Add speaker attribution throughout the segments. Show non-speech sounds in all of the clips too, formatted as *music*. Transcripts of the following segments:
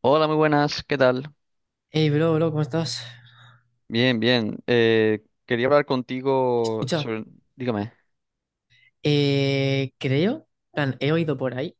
Speaker 1: Hola, muy buenas, ¿qué tal?
Speaker 2: Hey, bro, bro, ¿cómo estás?
Speaker 1: Bien, bien. Quería hablar contigo
Speaker 2: Escucha,
Speaker 1: sobre. Dígame.
Speaker 2: creo, plan, he oído por ahí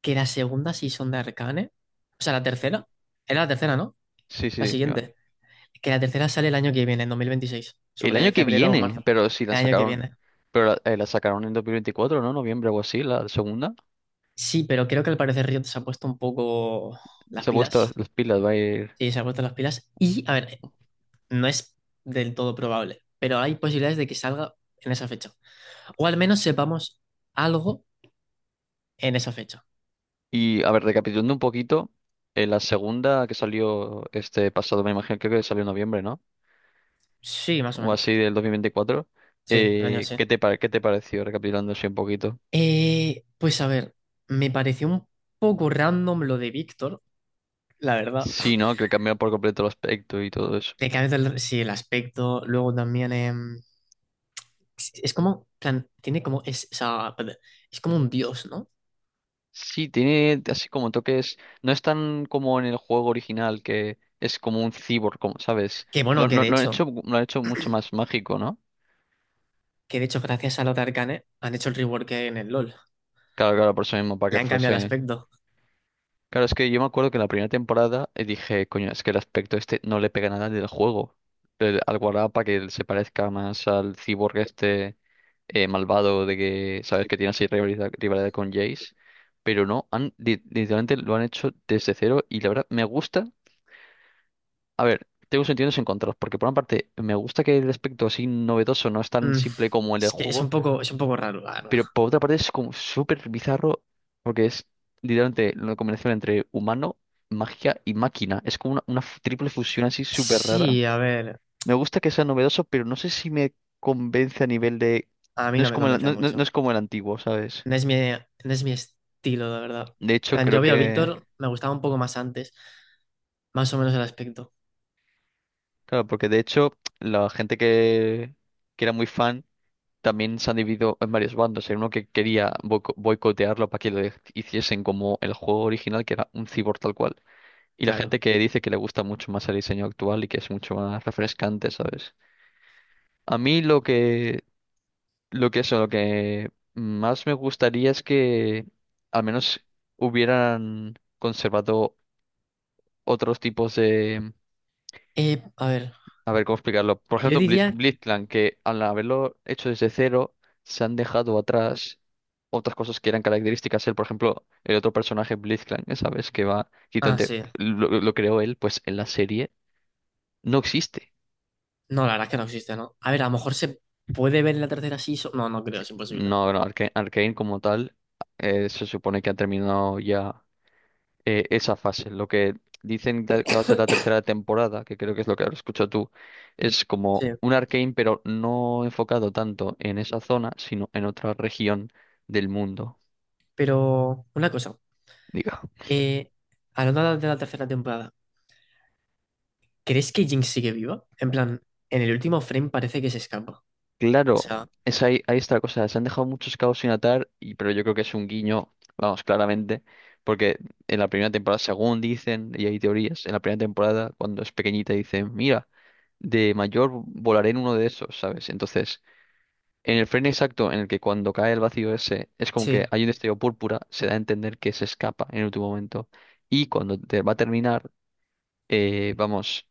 Speaker 2: que la segunda season de Arcane, o sea, la tercera, era la tercera, ¿no?
Speaker 1: Sí,
Speaker 2: La
Speaker 1: sí, Iván.
Speaker 2: siguiente, que la tercera sale el año que viene, en 2026,
Speaker 1: El año
Speaker 2: sobre
Speaker 1: que
Speaker 2: febrero o
Speaker 1: viene,
Speaker 2: marzo,
Speaker 1: pero sí, la
Speaker 2: el año que
Speaker 1: sacaron.
Speaker 2: viene.
Speaker 1: Pero la sacaron en 2024, ¿no? Noviembre o así, la segunda.
Speaker 2: Sí, pero creo que al parecer Riot se ha puesto un poco las
Speaker 1: Se ha puesto las
Speaker 2: pilas.
Speaker 1: las pilas, va a ir.
Speaker 2: Sí, se ha puesto las pilas y, a ver, no es del todo probable, pero hay posibilidades de que salga en esa fecha. O al menos sepamos algo en esa fecha.
Speaker 1: Y, a ver, recapitulando un poquito, la segunda que salió este pasado, me imagino, creo que salió en noviembre, ¿no?
Speaker 2: Sí, más o
Speaker 1: O así
Speaker 2: menos.
Speaker 1: del 2024.
Speaker 2: Sí, el año
Speaker 1: Eh,
Speaker 2: sí.
Speaker 1: ¿qué te, pare- Qué te pareció, recapitulando así un poquito?
Speaker 2: Pues a ver, me pareció un poco random lo de Víctor, la verdad.
Speaker 1: Sí, ¿no? Que cambió por completo el aspecto y todo.
Speaker 2: De que a el- Sí, el aspecto, luego también es como, plan, tiene como, o sea, es como un dios, ¿no?
Speaker 1: Sí, tiene así como toques. No es tan como en el juego original que es como un cyborg, como, ¿sabes?
Speaker 2: Que
Speaker 1: Lo,
Speaker 2: bueno, que
Speaker 1: lo-
Speaker 2: de
Speaker 1: lo han hecho,
Speaker 2: hecho,
Speaker 1: lo han hecho mucho más mágico, ¿no?
Speaker 2: que de hecho gracias a Lothar Arcane han hecho el rework en el LoL.
Speaker 1: Claro, claro, por eso mismo, para que
Speaker 2: Le han cambiado el
Speaker 1: fuese.
Speaker 2: aspecto.
Speaker 1: Claro, es que yo me acuerdo que en la primera temporada dije, coño, es que el aspecto este no le pega nada al del juego. Al guardado para que él se parezca más al cyborg este malvado de que, ¿sabes? Que tiene así rivalidad, rivalidad con Jace. Pero no, literalmente lo han hecho desde cero y la verdad me gusta. A ver, tengo sentimientos encontrados, porque por una parte me gusta que el aspecto así novedoso no es tan
Speaker 2: Mm,
Speaker 1: simple como el del
Speaker 2: es que es
Speaker 1: juego,
Speaker 2: un poco, es un poco raro, la verdad.
Speaker 1: pero por otra parte es como súper bizarro, porque es literalmente la combinación entre humano, magia y máquina. Es como una triple fusión así súper rara.
Speaker 2: Sí, a ver,
Speaker 1: Me gusta que sea novedoso, pero no sé si me convence a nivel de.
Speaker 2: a mí
Speaker 1: No
Speaker 2: no
Speaker 1: es
Speaker 2: me
Speaker 1: como el,
Speaker 2: convence
Speaker 1: no, no- no
Speaker 2: mucho.
Speaker 1: es como el antiguo, ¿sabes?
Speaker 2: No es mi, no es mi estilo, de verdad.
Speaker 1: De
Speaker 2: En
Speaker 1: hecho,
Speaker 2: plan,
Speaker 1: creo
Speaker 2: yo veo a
Speaker 1: que.
Speaker 2: Víctor, me gustaba un poco más antes, más o menos el aspecto,
Speaker 1: Claro, porque de hecho la gente que era muy fan también se han dividido en varios bandos. Hay uno que quería boicotearlo para que hiciesen como el juego original, que era un cyborg tal cual. Y la
Speaker 2: claro.
Speaker 1: gente que dice que le gusta mucho más el diseño actual y que es mucho más refrescante, ¿sabes? A mí lo que más me gustaría es que al menos hubieran conservado otros tipos.
Speaker 2: A ver,
Speaker 1: A ver, ¿cómo explicarlo? Por
Speaker 2: yo
Speaker 1: ejemplo,
Speaker 2: diría...
Speaker 1: Blitzcrank, que al haberlo hecho desde cero, se han dejado atrás otras cosas que eran características. Él, por ejemplo, el otro personaje, Blitzcrank, ¿sabes? Que va
Speaker 2: Ah,
Speaker 1: quitante,
Speaker 2: sí.
Speaker 1: lo creó él, pues en la serie no existe.
Speaker 2: No, la verdad es que no existe, ¿no? A ver, a lo mejor se puede ver en la tercera season. No, no creo, es imposible.
Speaker 1: No, no, Arcane como tal, se supone que ha terminado ya esa fase. Lo que dicen que va a ser la tercera temporada, que creo que es lo que ahora escucho tú, es como
Speaker 2: Sí.
Speaker 1: un Arcane, pero no enfocado tanto en esa zona, sino en otra región del mundo,
Speaker 2: Pero una cosa,
Speaker 1: diga.
Speaker 2: eh, hablando de la tercera temporada, ¿crees que Jinx sigue viva? En plan, en el último frame parece que se escapa. O
Speaker 1: Claro,
Speaker 2: sea,
Speaker 1: es ahí está la cosa. Se han dejado muchos cabos sin atar, pero yo creo que es un guiño, vamos, claramente. Porque en la primera temporada, según dicen, y hay teorías, en la primera temporada, cuando es pequeñita, dicen, mira, de mayor volaré en uno de esos, ¿sabes? Entonces, en el frame exacto en el que cuando cae el vacío ese es como
Speaker 2: sí,
Speaker 1: que hay un destello púrpura, se da a entender que se escapa en el último momento. Y cuando te va a terminar, vamos,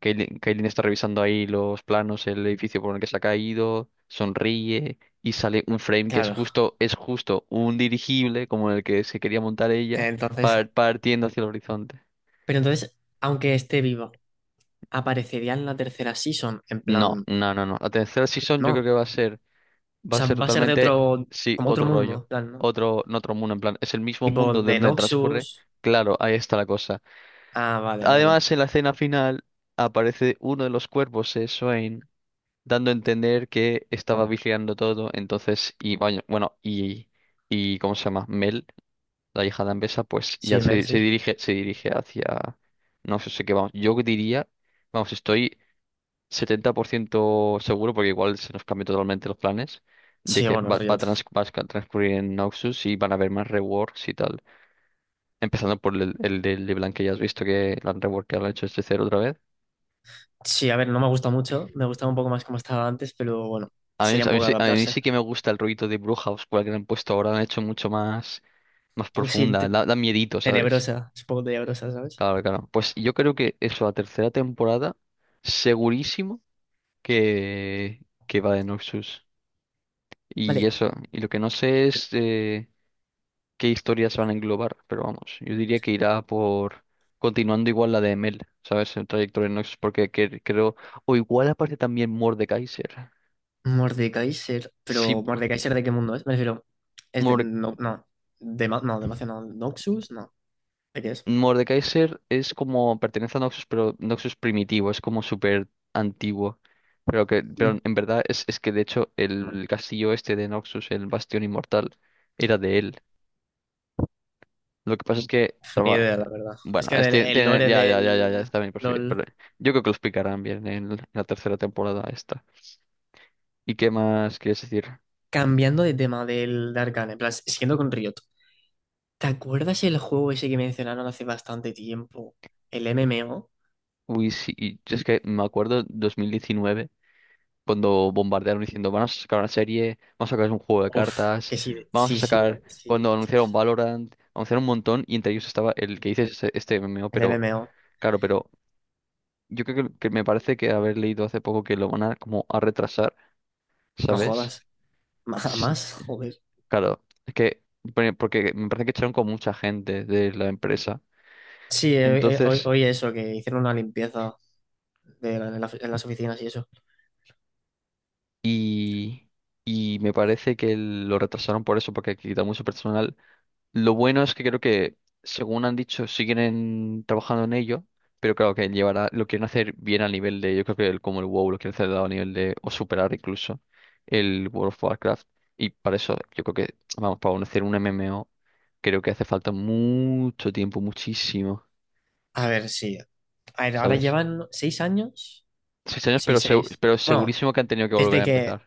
Speaker 1: Kaylin está revisando ahí los planos, el edificio por el que se ha caído, sonríe y sale un frame que es
Speaker 2: claro.
Speaker 1: justo, es justo un dirigible como el que se quería montar ella,
Speaker 2: Entonces,
Speaker 1: partiendo hacia el horizonte.
Speaker 2: pero entonces, aunque esté viva, ¿aparecería en la tercera season? En
Speaker 1: No,
Speaker 2: plan...
Speaker 1: no, no, no. La tercera season yo
Speaker 2: No,
Speaker 1: creo
Speaker 2: o
Speaker 1: que va a ser. Va a
Speaker 2: sea,
Speaker 1: ser
Speaker 2: va a ser de
Speaker 1: totalmente,
Speaker 2: otro,
Speaker 1: sí,
Speaker 2: como otro
Speaker 1: otro
Speaker 2: mundo,
Speaker 1: rollo.
Speaker 2: en plan, ¿no?
Speaker 1: Otro, no otro mundo, en plan, es el mismo
Speaker 2: Tipo
Speaker 1: mundo de
Speaker 2: de
Speaker 1: donde transcurre.
Speaker 2: Noxus.
Speaker 1: Claro, ahí está la cosa.
Speaker 2: Ah, vale, vale.
Speaker 1: Además, en la escena final aparece uno de los cuervos, Swain, dando a entender que estaba vigilando todo. Entonces, y bueno, y ¿cómo se llama? Mel, la hija de Ambessa, pues ya
Speaker 2: Sí, Mel,
Speaker 1: se, se
Speaker 2: sí.
Speaker 1: dirige, se dirige hacia. No sé qué vamos. Yo diría, vamos, estoy 70% seguro, porque igual se nos cambian totalmente los planes, de
Speaker 2: Sí,
Speaker 1: que
Speaker 2: bueno,
Speaker 1: va, va a,
Speaker 2: Riot.
Speaker 1: trans- va a sca- transcurrir en Noxus y van a haber más reworks y tal. Empezando por el de LeBlanc que ya has visto que lo han reworked, lo han hecho desde cero otra vez.
Speaker 2: Sí, a ver, no me gusta mucho, me gustaba un poco más como estaba antes, pero bueno,
Speaker 1: A mí,
Speaker 2: sería
Speaker 1: a
Speaker 2: un
Speaker 1: mí,
Speaker 2: poco
Speaker 1: sí, a mí
Speaker 2: adaptarse.
Speaker 1: sí que me gusta el rollito de Brewhouse, cual que le han puesto ahora, lo han hecho mucho más
Speaker 2: Un poco, sí,
Speaker 1: profunda, da miedito, ¿sabes?
Speaker 2: tenebrosa, es un poco tenebrosa, ¿sabes?
Speaker 1: Claro, claro. Pues yo creo que eso, la tercera temporada, segurísimo que, que va de Noxus. Y
Speaker 2: Vale,
Speaker 1: eso, y lo que no sé es, qué historias van a englobar, pero vamos, yo diría que irá por continuando igual la de Emel, ¿sabes? El trayecto de Nox, porque creo, o igual aparece también Mordekaiser.
Speaker 2: Mordekaiser,
Speaker 1: Sí,
Speaker 2: pero ¿Mordekaiser de qué mundo es? Me refiero, es de,
Speaker 1: Morde-
Speaker 2: no, no, de, no, de Macia no, Noxus, no, ¿de qué es?
Speaker 1: Mordekaiser es como pertenece a Noxus, pero Noxus primitivo, es como súper antiguo. Pero que, pero
Speaker 2: Mm,
Speaker 1: en verdad es que de hecho el castillo este de Noxus, el Bastión Inmortal, era de él. Lo que pasa es que
Speaker 2: ni
Speaker 1: traba-
Speaker 2: idea, la verdad. Es
Speaker 1: Bueno,
Speaker 2: que
Speaker 1: es,
Speaker 2: el lore
Speaker 1: ya, ya, ya, ya, ya
Speaker 2: del
Speaker 1: está bien percibido,
Speaker 2: LOL.
Speaker 1: pero yo creo que lo explicarán bien en la tercera temporada esta. ¿Y qué más quieres decir?
Speaker 2: Cambiando de tema del de Arcane, en plan, siguiendo con Riot. ¿Te acuerdas el juego ese que mencionaron hace bastante tiempo? El MMO.
Speaker 1: Uy, sí, y es que me acuerdo 2019 cuando bombardearon diciendo, vamos a sacar una serie, vamos a sacar un juego de
Speaker 2: Uf,
Speaker 1: cartas,
Speaker 2: que sí,
Speaker 1: vamos a
Speaker 2: sí, sí,
Speaker 1: sacar,
Speaker 2: sí,
Speaker 1: cuando anunciaron
Speaker 2: dios.
Speaker 1: Valorant, anunciaron un montón y entre ellos estaba el que dices este, este MMO,
Speaker 2: El
Speaker 1: pero
Speaker 2: MMO.
Speaker 1: claro, pero yo creo que me parece que haber leído hace poco que lo van a como a retrasar,
Speaker 2: No
Speaker 1: ¿sabes?
Speaker 2: jodas. *laughs* Más, joder.
Speaker 1: Claro, es que, porque me parece que echaron con mucha gente de la empresa.
Speaker 2: Sí, hoy,
Speaker 1: Entonces,
Speaker 2: hoy eso, que hicieron una limpieza en las oficinas y eso.
Speaker 1: y, y me parece que lo retrasaron por eso, porque quita mucho personal. Lo bueno es que creo que, según han dicho, siguen trabajando en ello, pero claro que llevará, lo quieren hacer bien a nivel de, yo creo que como el WoW lo quieren hacer a nivel de, o superar incluso el World of Warcraft. Y para eso, yo creo que, vamos, para hacer un MMO, creo que hace falta mucho tiempo, muchísimo,
Speaker 2: A ver, sí. A ver, ahora
Speaker 1: ¿sabes?
Speaker 2: llevan 6 años.
Speaker 1: 6 años,
Speaker 2: Sí,
Speaker 1: pero,
Speaker 2: seis.
Speaker 1: pero
Speaker 2: Bueno,
Speaker 1: segurísimo que han tenido que volver a
Speaker 2: desde que.
Speaker 1: empezar.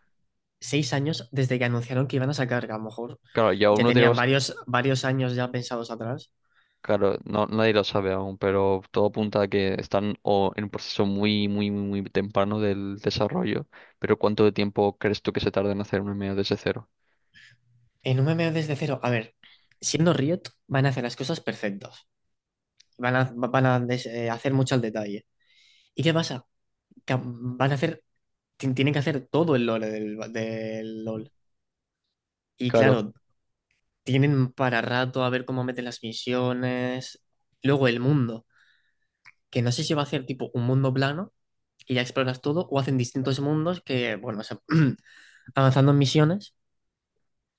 Speaker 2: 6 años desde que anunciaron que iban a sacar, que a lo mejor
Speaker 1: Claro, y aún
Speaker 2: ya
Speaker 1: no
Speaker 2: tenían
Speaker 1: tenemos,
Speaker 2: varios, varios años ya pensados atrás.
Speaker 1: claro, no, nadie lo sabe aún, pero todo apunta a que están o en un proceso muy, muy, muy, muy temprano del desarrollo. Pero ¿cuánto de tiempo crees tú que se tarda en hacer un MMO desde cero?
Speaker 2: En un MMO desde cero, a ver, siendo Riot, van a hacer las cosas perfectas. Van a, van a hacer mucho al detalle. ¿Y qué pasa? Que van a hacer, tienen que hacer todo el lore del LoL. Y
Speaker 1: Claro.
Speaker 2: claro, tienen para rato a ver cómo meten las misiones. Luego el mundo, que no sé si va a hacer tipo un mundo plano y ya exploras todo, o hacen distintos mundos que, bueno, o sea, *clears throat* avanzando en misiones,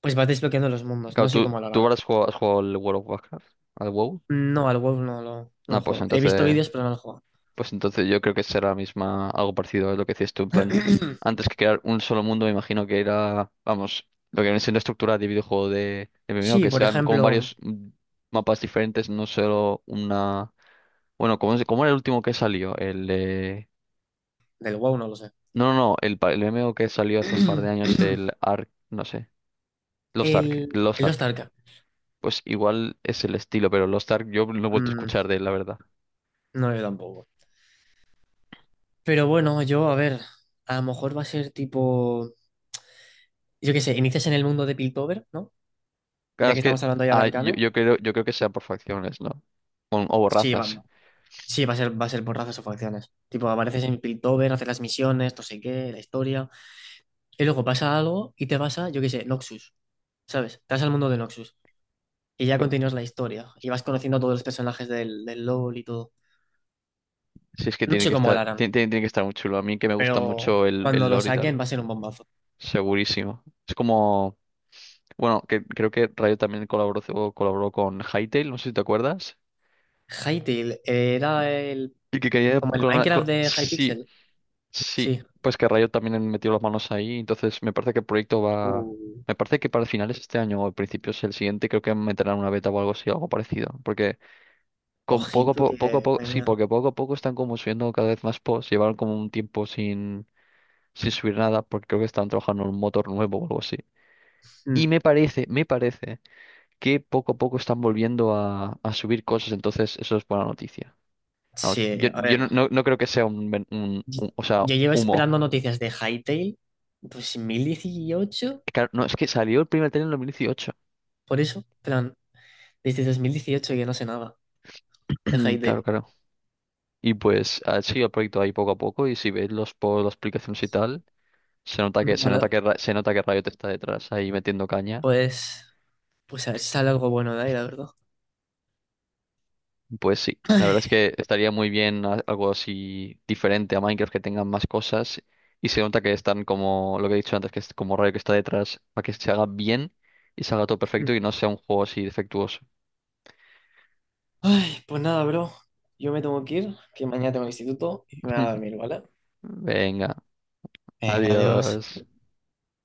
Speaker 2: pues vas desbloqueando los mundos. No
Speaker 1: Claro,
Speaker 2: sé
Speaker 1: tú,
Speaker 2: cómo lo
Speaker 1: tú
Speaker 2: harán.
Speaker 1: ahora has jugado al World of Warcraft, al WoW.
Speaker 2: No, al WoW no lo, no
Speaker 1: Ah,
Speaker 2: lo
Speaker 1: pues
Speaker 2: juego. He visto
Speaker 1: entonces.
Speaker 2: vídeos, pero no lo juego.
Speaker 1: Pues entonces yo creo que será la misma, algo parecido a lo que decías tú, en plan,
Speaker 2: *clears throat*
Speaker 1: antes que crear un solo mundo, me imagino que era, vamos, lo que viene siendo estructura de videojuego de MMO,
Speaker 2: Sí,
Speaker 1: que
Speaker 2: por
Speaker 1: sean como
Speaker 2: ejemplo,
Speaker 1: varios mapas diferentes, no solo una. Bueno, ¿ cómo era el último que salió? El
Speaker 2: del WoW no lo sé.
Speaker 1: No, no, no, el MMO que salió hace un par de años,
Speaker 2: *clears throat*
Speaker 1: el Ark, no sé, Lost Ark,
Speaker 2: El,
Speaker 1: Lost
Speaker 2: el Lost
Speaker 1: Ark.
Speaker 2: Ark.
Speaker 1: Pues igual es el estilo, pero Lost Ark yo no he vuelto a
Speaker 2: Mm,
Speaker 1: escuchar de él, la verdad.
Speaker 2: no, yo tampoco. Pero bueno, yo, a ver, a lo mejor va a ser tipo, yo qué sé, inicias en el mundo de Piltover, ¿no?
Speaker 1: Claro,
Speaker 2: Ya que
Speaker 1: es
Speaker 2: estamos
Speaker 1: que
Speaker 2: hablando ya de
Speaker 1: ah, yo,
Speaker 2: Arcane.
Speaker 1: yo creo, yo creo que sea por facciones, ¿no? O
Speaker 2: Sí,
Speaker 1: razas.
Speaker 2: sí, va a ser por razas o facciones. Tipo, apareces en Piltover, haces las misiones, no sé qué, la historia. Y luego pasa algo y te vas a, yo qué sé, Noxus, ¿sabes? Te vas al mundo de Noxus. Y ya continúas la historia. Y vas conociendo a todos los personajes del LoL y todo.
Speaker 1: Si es que
Speaker 2: No
Speaker 1: tiene
Speaker 2: sé
Speaker 1: que
Speaker 2: cómo
Speaker 1: estar,
Speaker 2: lo harán,
Speaker 1: tiene que estar muy chulo. A mí que me gusta
Speaker 2: pero
Speaker 1: mucho el
Speaker 2: cuando lo
Speaker 1: lore y tal.
Speaker 2: saquen va a ser un bombazo.
Speaker 1: Segurísimo. Es como, bueno, que creo que Rayo también colaboró, o colaboró con Hytale, no sé si te acuerdas.
Speaker 2: Hytale era el,
Speaker 1: Y que quería
Speaker 2: como el
Speaker 1: clonar-
Speaker 2: Minecraft
Speaker 1: clo-
Speaker 2: de
Speaker 1: Sí,
Speaker 2: Hypixel.
Speaker 1: sí.
Speaker 2: Sí.
Speaker 1: Pues que Rayo también metió las manos ahí. Entonces me parece que el proyecto va.
Speaker 2: Uh,
Speaker 1: Me parece que para finales de este año o principios el siguiente creo que meterán una beta o algo así, algo parecido. Porque con
Speaker 2: ojito
Speaker 1: poco a
Speaker 2: que.
Speaker 1: poco,
Speaker 2: Madre
Speaker 1: sí,
Speaker 2: mía.
Speaker 1: porque poco a poco están como subiendo cada vez más posts. Llevaron como un tiempo sin subir nada, porque creo que están trabajando en un motor nuevo o algo así. Y
Speaker 2: Mm.
Speaker 1: me parece que poco a poco están volviendo a subir cosas, entonces eso es buena noticia. Vamos,
Speaker 2: Sí,
Speaker 1: yo,
Speaker 2: a
Speaker 1: yo no,
Speaker 2: ver.
Speaker 1: no- no creo que sea un,
Speaker 2: Yo
Speaker 1: o sea,
Speaker 2: yo llevo
Speaker 1: humo.
Speaker 2: esperando noticias de Hytale, pues en 2018,
Speaker 1: Claro, no, es que salió el primer tren en 2018.
Speaker 2: por eso, plan, desde 2018 que no sé nada de
Speaker 1: *clears throat* Claro,
Speaker 2: Hytale.
Speaker 1: claro. Y pues ha seguido el proyecto ahí poco a poco y si ves los por las aplicaciones y tal, se nota
Speaker 2: Mm.
Speaker 1: que
Speaker 2: Hola.
Speaker 1: Riot está detrás ahí metiendo caña.
Speaker 2: Pues, pues a ver si sale algo bueno de ahí, la verdad.
Speaker 1: Pues sí, la verdad
Speaker 2: Ay,
Speaker 1: es que estaría muy bien, algo así diferente a Minecraft que tengan más cosas y se nota que están como lo que he dicho antes, que es como Rayo que está detrás para que se haga bien y salga todo perfecto y no sea un juego así defectuoso.
Speaker 2: ay, pues nada, bro. Yo me tengo que ir, que mañana tengo instituto y me voy a
Speaker 1: *laughs*
Speaker 2: dormir, ¿vale?
Speaker 1: Venga,
Speaker 2: Venga, adiós.
Speaker 1: adiós.